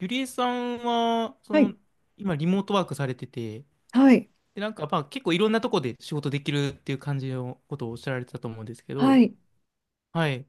ゆりえさんは、はい、今リモートワークされてて、はい、で、結構いろんなとこで仕事できるっていう感じのことをおっしゃられてたと思うんですけはど、い。はい。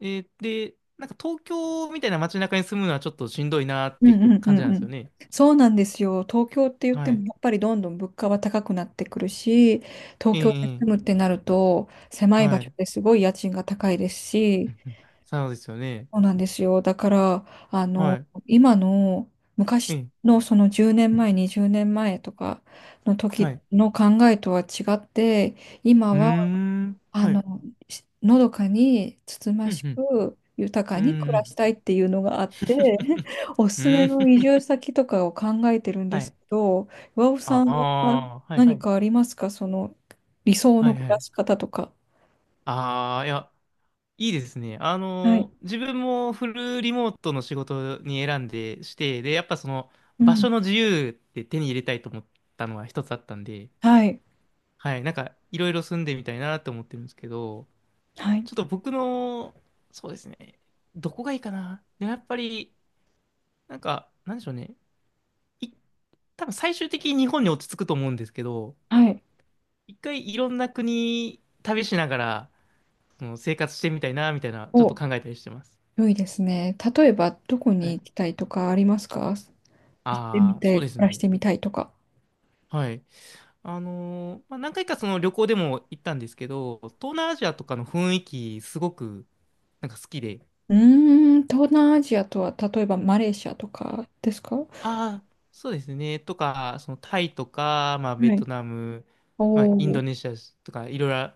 えーで、なんか東京みたいな街中に住むのはちょっとしんどいなっうてんうん感うじなんんうですよん。ね。そうなんですよ。東京って言ってはい。も、やっぱりどんどん物価は高くなってくるし、東え京で住えむええってなると、狭い場は所い。ですごい家賃が高いですし、そうですよね。そうなんですよ。だから、はい。今の昔ええのその10年前、20年前とかのは時い。の考えとは違って、今うーはん。あはの、い。しのどかにつつまうしん、く豊かうん。うに暮ーらしん。たいっていうのがあって、おうすすめの移ーん。住先とかを考えてるんではすい。けど、岩尾あさんはあ、はい。何かありますか、その理想はのい、暮はらい。し方とか。ああ、いや。いいですね。あはい。の、自分もフルリモートの仕事に選んでして、で、やっぱそのう場ん。所の自由って手に入れたいと思ったのは一つあったんで、はい。はい、なんかいろいろ住んでみたいなと思ってるんですけど、はい。ちょっと僕の、そうですね、どこがいいかな。でもやっぱり、なんか、なんでしょうね。い、多分最終的に日本に落ち着くと思うんですけど、はい。一回いろんな国旅しながら、その生活してみたいな、みたいな、ちょっとお、考えたりしてます。良いですね。例えば、どこはにい行きたいとかありますか、行ってみああ、そうて、です暮らしね。てみたいとか。はい。何回かその旅行でも行ったんですけど、東南アジアとかの雰囲気すごくなんか好きで、うーん、東南アジアとは、例えばマレーシアとかですか。はああ、そうですね、とか、そのタイとか、まあ、ベい。トナム、おまあ、インドお、ネシアとか、いろいろ、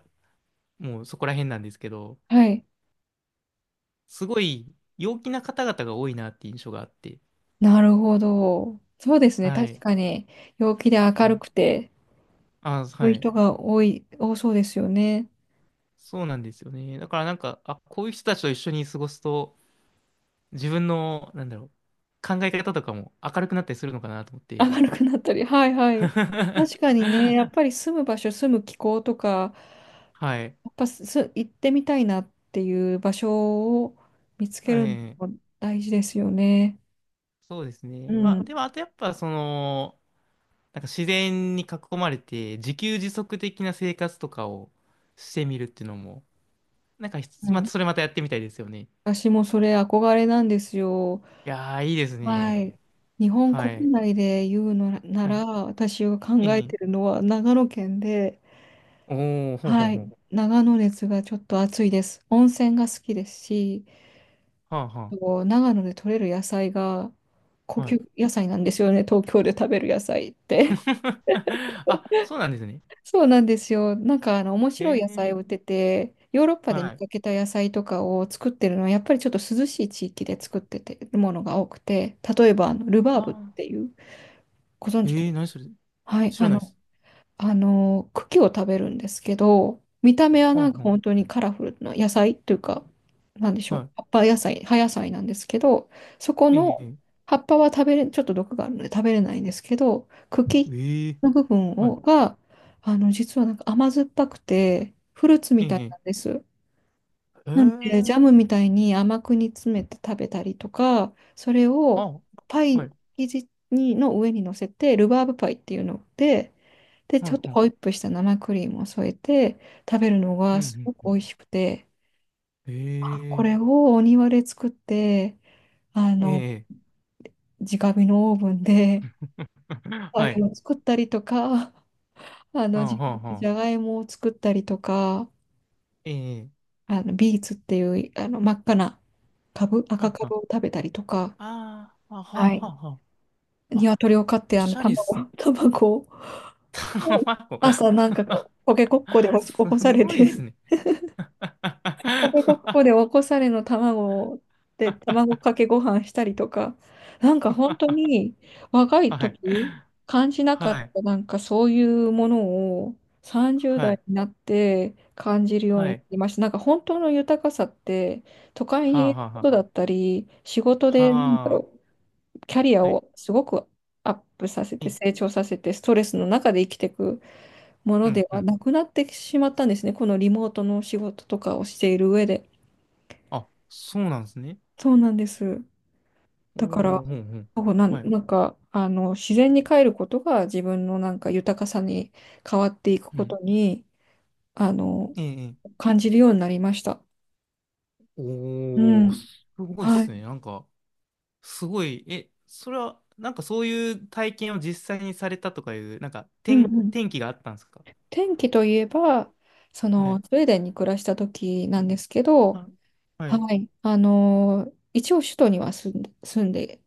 もうそこら辺なんですけど、はい。すごい陽気な方々が多いなって印象があって、なるほど。そうですね。は確い。かに、陽気で明はるいくて、ああ、そういはうい。人が多そうですよね。そうなんですよね。だからなんか、あ、こういう人たちと一緒に過ごすと、自分の、なんだろう、考え方とかも明るくなったりするのかなと思って。明るくなったり、はいはい。確かにね、や っぱり住む場所、住む気候とか、はい。やっぱす、行ってみたいなっていう場所を見つけえるのえ、も大事ですよね。そうですうね。まあ、でん。も、あとやっぱ、その、なんか自然に囲まれて、自給自足的な生活とかをしてみるっていうのも、なんかひうつ、まん。たそれまたやってみたいですよね。い私もそれ憧れなんですよ。やー、いいですはね。い。日本は国い。内で言うのなはら、い。私が考えええ。てるのは長野県で、おー、ほんほはんほい。ん。長野熱がちょっと暑いです。温泉が好きですし、はあはこう長野で採れる野菜が高あ。はい。級野菜なんですよね。東京で食べる野菜って。あ、そうなんですね。そうなんですよ。なんか面白いえ野菜を売っえ、てて、ヨーロッパで見はい。かけた野菜とかを作ってるのは、やっぱりちょっと涼しい地域で作っててるものが多くて、例えばルバあーブっあ。ていう、ご存知えでえ、すか。何それ。はい、知らないです。茎を食べるんですけど、見た目ははなんんかはん。本当にカラフルな野菜というか、なんでしょう、は葉野菜なんですけど、そこのい。ええ葉っぱは食べれ、ちょっと毒があるので食べれないんですけど、え茎えええの部分はい。をが、実はなんか甘酸っぱくて、フルーツえみたいえなんでええす。なので、ジャムええみたいに甘く煮詰めて食べたりとか、それをあ、パはイい。生地の上に乗せて、ルバーブパイっていうので、で、はちょっといはい。ホイップした生クリームを添えて食べるのうんがうすんごうく美ん。味しくて、あ、こえれえをお庭で作って、あえの、ええ直火のオーブンでえ パはイい。を作ったりとか、はあ自はあ分ではじゃあ。がいもを作ったりとか、ええビーツっていう真っ赤な株、は赤あ株はを食べたりとか、あ。ああ、はあははい。あはあ。あ、鶏を飼っておしゃれっす卵、ね。卵を卵。朝なんか こうポケコッコで起すこされごいっすて、ね。ここがここでお こされの卵で卵かけご飯したりとか、なんか本当に若いはい。時感じなかはっい。たなんかそういうものを30は代い。になって感じるようにはない。りました。なんか本当の豊かさって都会はにあいはるあこはとだったり、仕事あ。ではあ。キャリアはい。をすごくアップさせて成長させてストレスの中で生きていくもうのんでうはん。なくなってしまったんですね。このリモートの仕事とかをしている上で。あ、そうなんですね。そうなんです。だかおら、ー、うんうん。はい。自然に帰ることが自分のなんか豊かさに変わっていくうことん。に、あの、ええ、ええ感じるようになりました。うおー、ん。すごいっはすね。い。なんか、すごい、え、それは、なんかそういう体験を実際にされたとかいう、うんうん。天気があったんですか。天気といえば、そはの、い。スウェーデンに暮らした時なんですけど、は、はい。はい。あのー一応首都には住んで、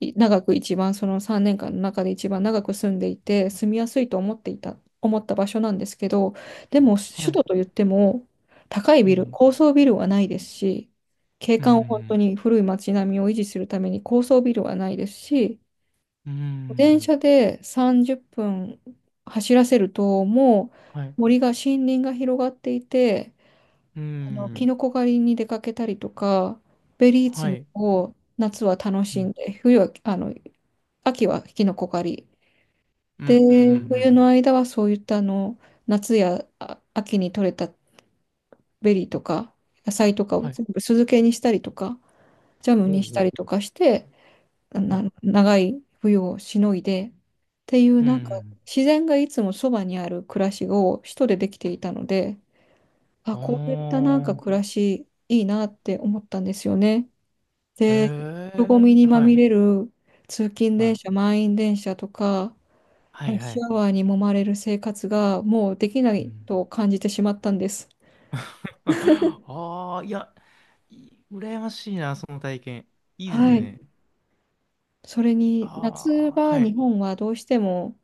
長く一番、その3年間の中で一番長く住んでいて、住みやすいと思った場所なんですけど、でもは首い。都といっても、ええ、高層ビルはないですし、景う観を本当ん。に古い街並みを維持するために高層ビルはないですし、う電ん。車で30分走らせると、もはい。う森が、森林が広がっていて、うキん。ノコ狩りに出かけたりとか、ベリーは摘みい。を夏は楽うしんん。で、冬は、あの、秋はキノコ狩り。うん。で、うん。うんう冬んの間はそういった夏や秋に採れたベリーとか、野菜とかをはい。全部酢漬けにしたりとか、ジャムうん。にしうたん。りとかして、はい長い冬をしのいで、っていううなんか、ん。自然がいつもそばにある暮らしを首都でできていたので、あ、こういったなんかあ暮らしいいなって思ったんですよね。あ。で、へ人混え。みにまはみい。れる通勤は電い。車、満員電車とか、はラいッはシい。ャワーに揉まれる生活がもうできなういん。と感じてしまったんです。ああ、いや、羨ましいな、その体験。いいですはい。ね。それに夏ああ、場、はい。日本はどうしても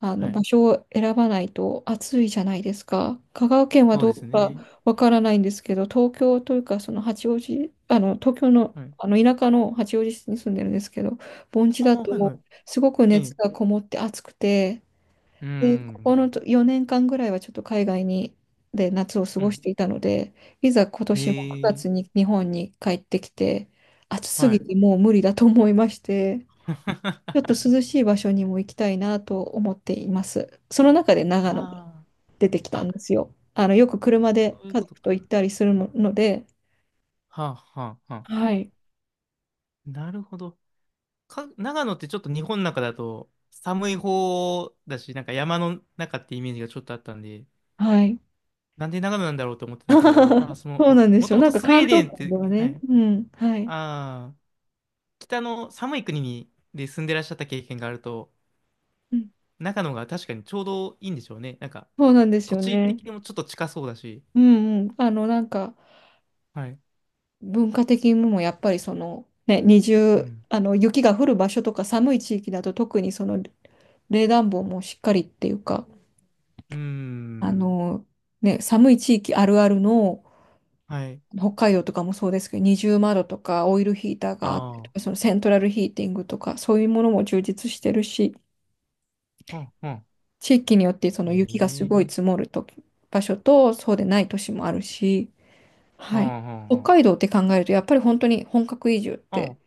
はい。場所を選ばないと暑いじゃないですか。香川県はそうどですうかね。わからないんですけど、東京というか、その八王子、あの東京の、はい。あの田舎の八王子市に住んでるんですけど、盆地あだあ、はいとはい。すごくえ熱え。がこもって暑くて、うで、こん。この4年間ぐらいはちょっと海外で夏を過うごしん。ていたので、いざ今年も9へ月え。に日本に帰ってきて、暑すはぎい。てもう無理だと思いまして。ちょっと 涼しい場所にも行きたいなと思っています。その中で長野があ出てきあ。たんあ、ですよ。あの、よく車でそういう家こと族か。と行ったりするので、はあ、はあ、はあ。はい、なるほど。長野ってちょっと日本の中だと寒い方だし、なんか山の中ってイメージがちょっとあったんで、はい。なんで長野なんだろうと思ってたんですけど、そうなんでもすとよ。もなとんかスウ関ェー東デンっ圏て、でははね、い、うん、はい。ああ、北の寒い国にで住んでらっしゃった経験があると、うん、長野が確かにちょうどいいんでしょうね。なんか、そうなんです土よ地ね。的にもちょっと近そうだし、うんうん。なんかはい、文化的にもやっぱりその、ね、二う重、ん、あの、雪が降る場所とか寒い地域だと特にその冷暖房もしっかりっていうか、うーあん、の、ね、寒い地域あるあるの、はい、北海道とかもそうですけど、二重窓とかオイルヒーターがあったりあとか、そのセントラルヒーティングとか、そういうものも充実してるし、あ、うん、うん、地域によってそのえ雪がすごいえ、積もると場所と、そうでない都市もあるし、はい。北あ海道って考えると、やっぱり本当に本格移住っあ、あて、あ、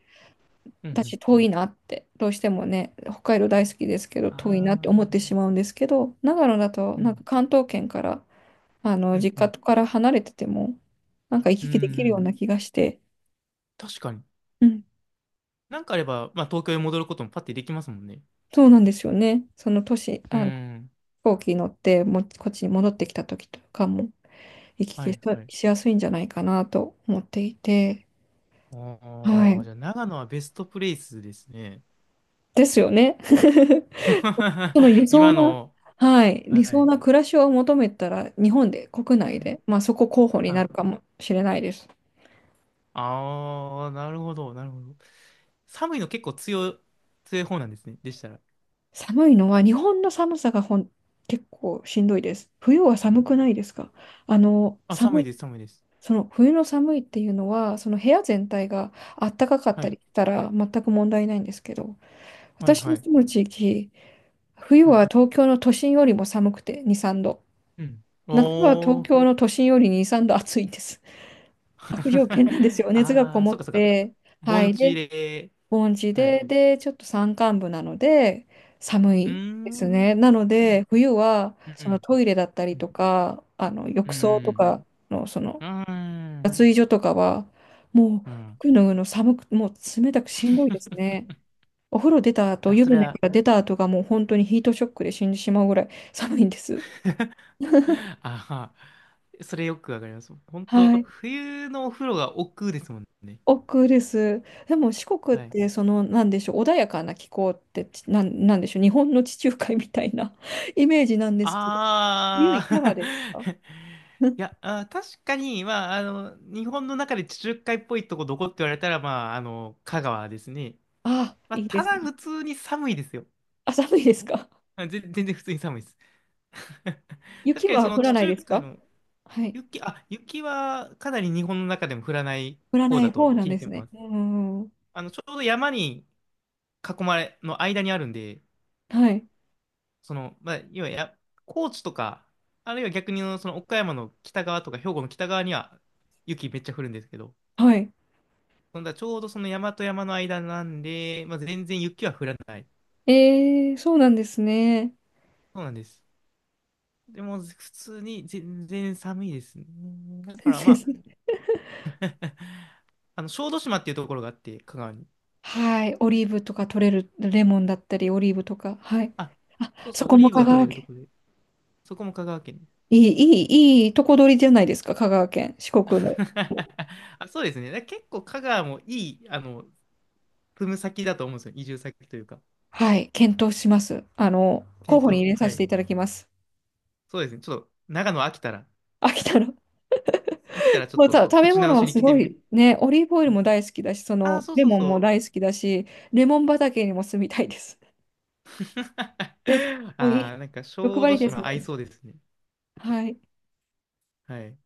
うん、う私ん、遠いなって、どうしてもね、北海道大好きですけど、あ遠いなってあ、思ってしまうんですけど、長野だと、うなんん、か関東圏から、うん、実う家ん、から離れてても、なんか行うん、きう来できるようなん気がして、確かに。うん、なんかあれば、まあ、東京へ戻ることもパッてできますもんね。そうなんですよね。その年、う飛ん、行機乗っても、こっちに戻ってきた時とかも、行きは来しい、はい。しやすいんじゃないかなと思っていて、はおー、い。じゃあ長野はベストプレイスですね。ですよね。その理 想今な、の、はい、は理想い。な暮らしを求めたら、日本で、国内はいで、まあそこ候補になるかもしれないです。ああー、なるほど、なるほど。寒いの結構強い、強い方なんですね。でしたら。寒いのは、日本の寒さがほん、結構しんどいです。冬は寒くないですか。あの、あ、寒寒いいです、寒いです。その冬の寒いっていうのは、その部屋全体が暖かかっはたい、りしたら全く問題ないんですけど、はい、私のはい。住む地域、冬はいは東京の都心よりも寒くて2、3度。うん。夏は東おー。京の都心より2、3度暑いです。悪条件なんです よ。熱がこああ、もそっっかそっか。て、は盆い。地で、で、盆地はい。で、で、ちょっと山間部なので、寒うーいでん、うすん、ね。なのうで、ん、冬は、うそのん、トイレだったうりとん、か、あの、う浴ん、槽とうかの、ん。水所とかは、もううん服脱ぐの寒く、もう冷たくしんどいですね。お風呂出た後、あ、湯それ船かは ら出た後がもう本当にヒートショックで死んでしまうぐらい 寒いんです。ああ、それよくわかります。本は当い。冬のお風呂が億劫ですもんね。奥です。でも四国っはい。てその、なんでしょう、穏やかな気候ってちなん、なんでしょう、日本の地中海みたいな イメージなんですけど、冬いあかがあ ですか。 うん いや、あー、確かに、まあ、あの、日本の中で地中海っぽいとこどこって言われたら、まあ、あの、香川ですね。あ、まあ、いいでたすだね。普通に寒いですよ。あ、寒いですか。全然普通に寒いです。確雪かにそはの降地らない中です海か。のはい。雪、あ、雪はかなり日本の中でも降らない降ら方なだいと方なん聞でいてすまね。す。うん。あの、ちょうど山に囲まれ、の間にあるんで、はい。その、まあ、要はや、高知とか、あるいは逆にその岡山の北側とか、兵庫の北側には雪めっちゃ降るんですけど、はい。そんなちょうどその山と山の間なんで、まあ、全然雪は降らない。ええ、そうなんですね。そうなんです。でも、普通に全然寒いですね。だか先らま生であ、すね。 あの小豆島っていうところがあって、香川に。はい。オリーブとか取れる、レモンだったり、オリーブとか。はい。あ、あ、そうそそう、こオもリーブ香が取川れると県。ころで、そこも香川県です。いい、いいいとこ取りじゃないですか、香川県。四国の。あ、そうですね。だから結構香川もいい、あの、住む先だと思うんですよ。移住先というか。はい。検討します。あの、候検補に討、入れはさせてい。いただきます。そうですね。ちょっと、長野飽きたら、飽きたら。飽きたらちょっもうた、と、食べ口直物しはにす来てごみて。いね、オリーブオイルも大好きだし、そああ、の、そうレそうモンそも大好う。きだし、レモン畑にも住みたいです。で、もういああ、い、なんか、欲小張豆りですね。島合いそうですね。はい。はい。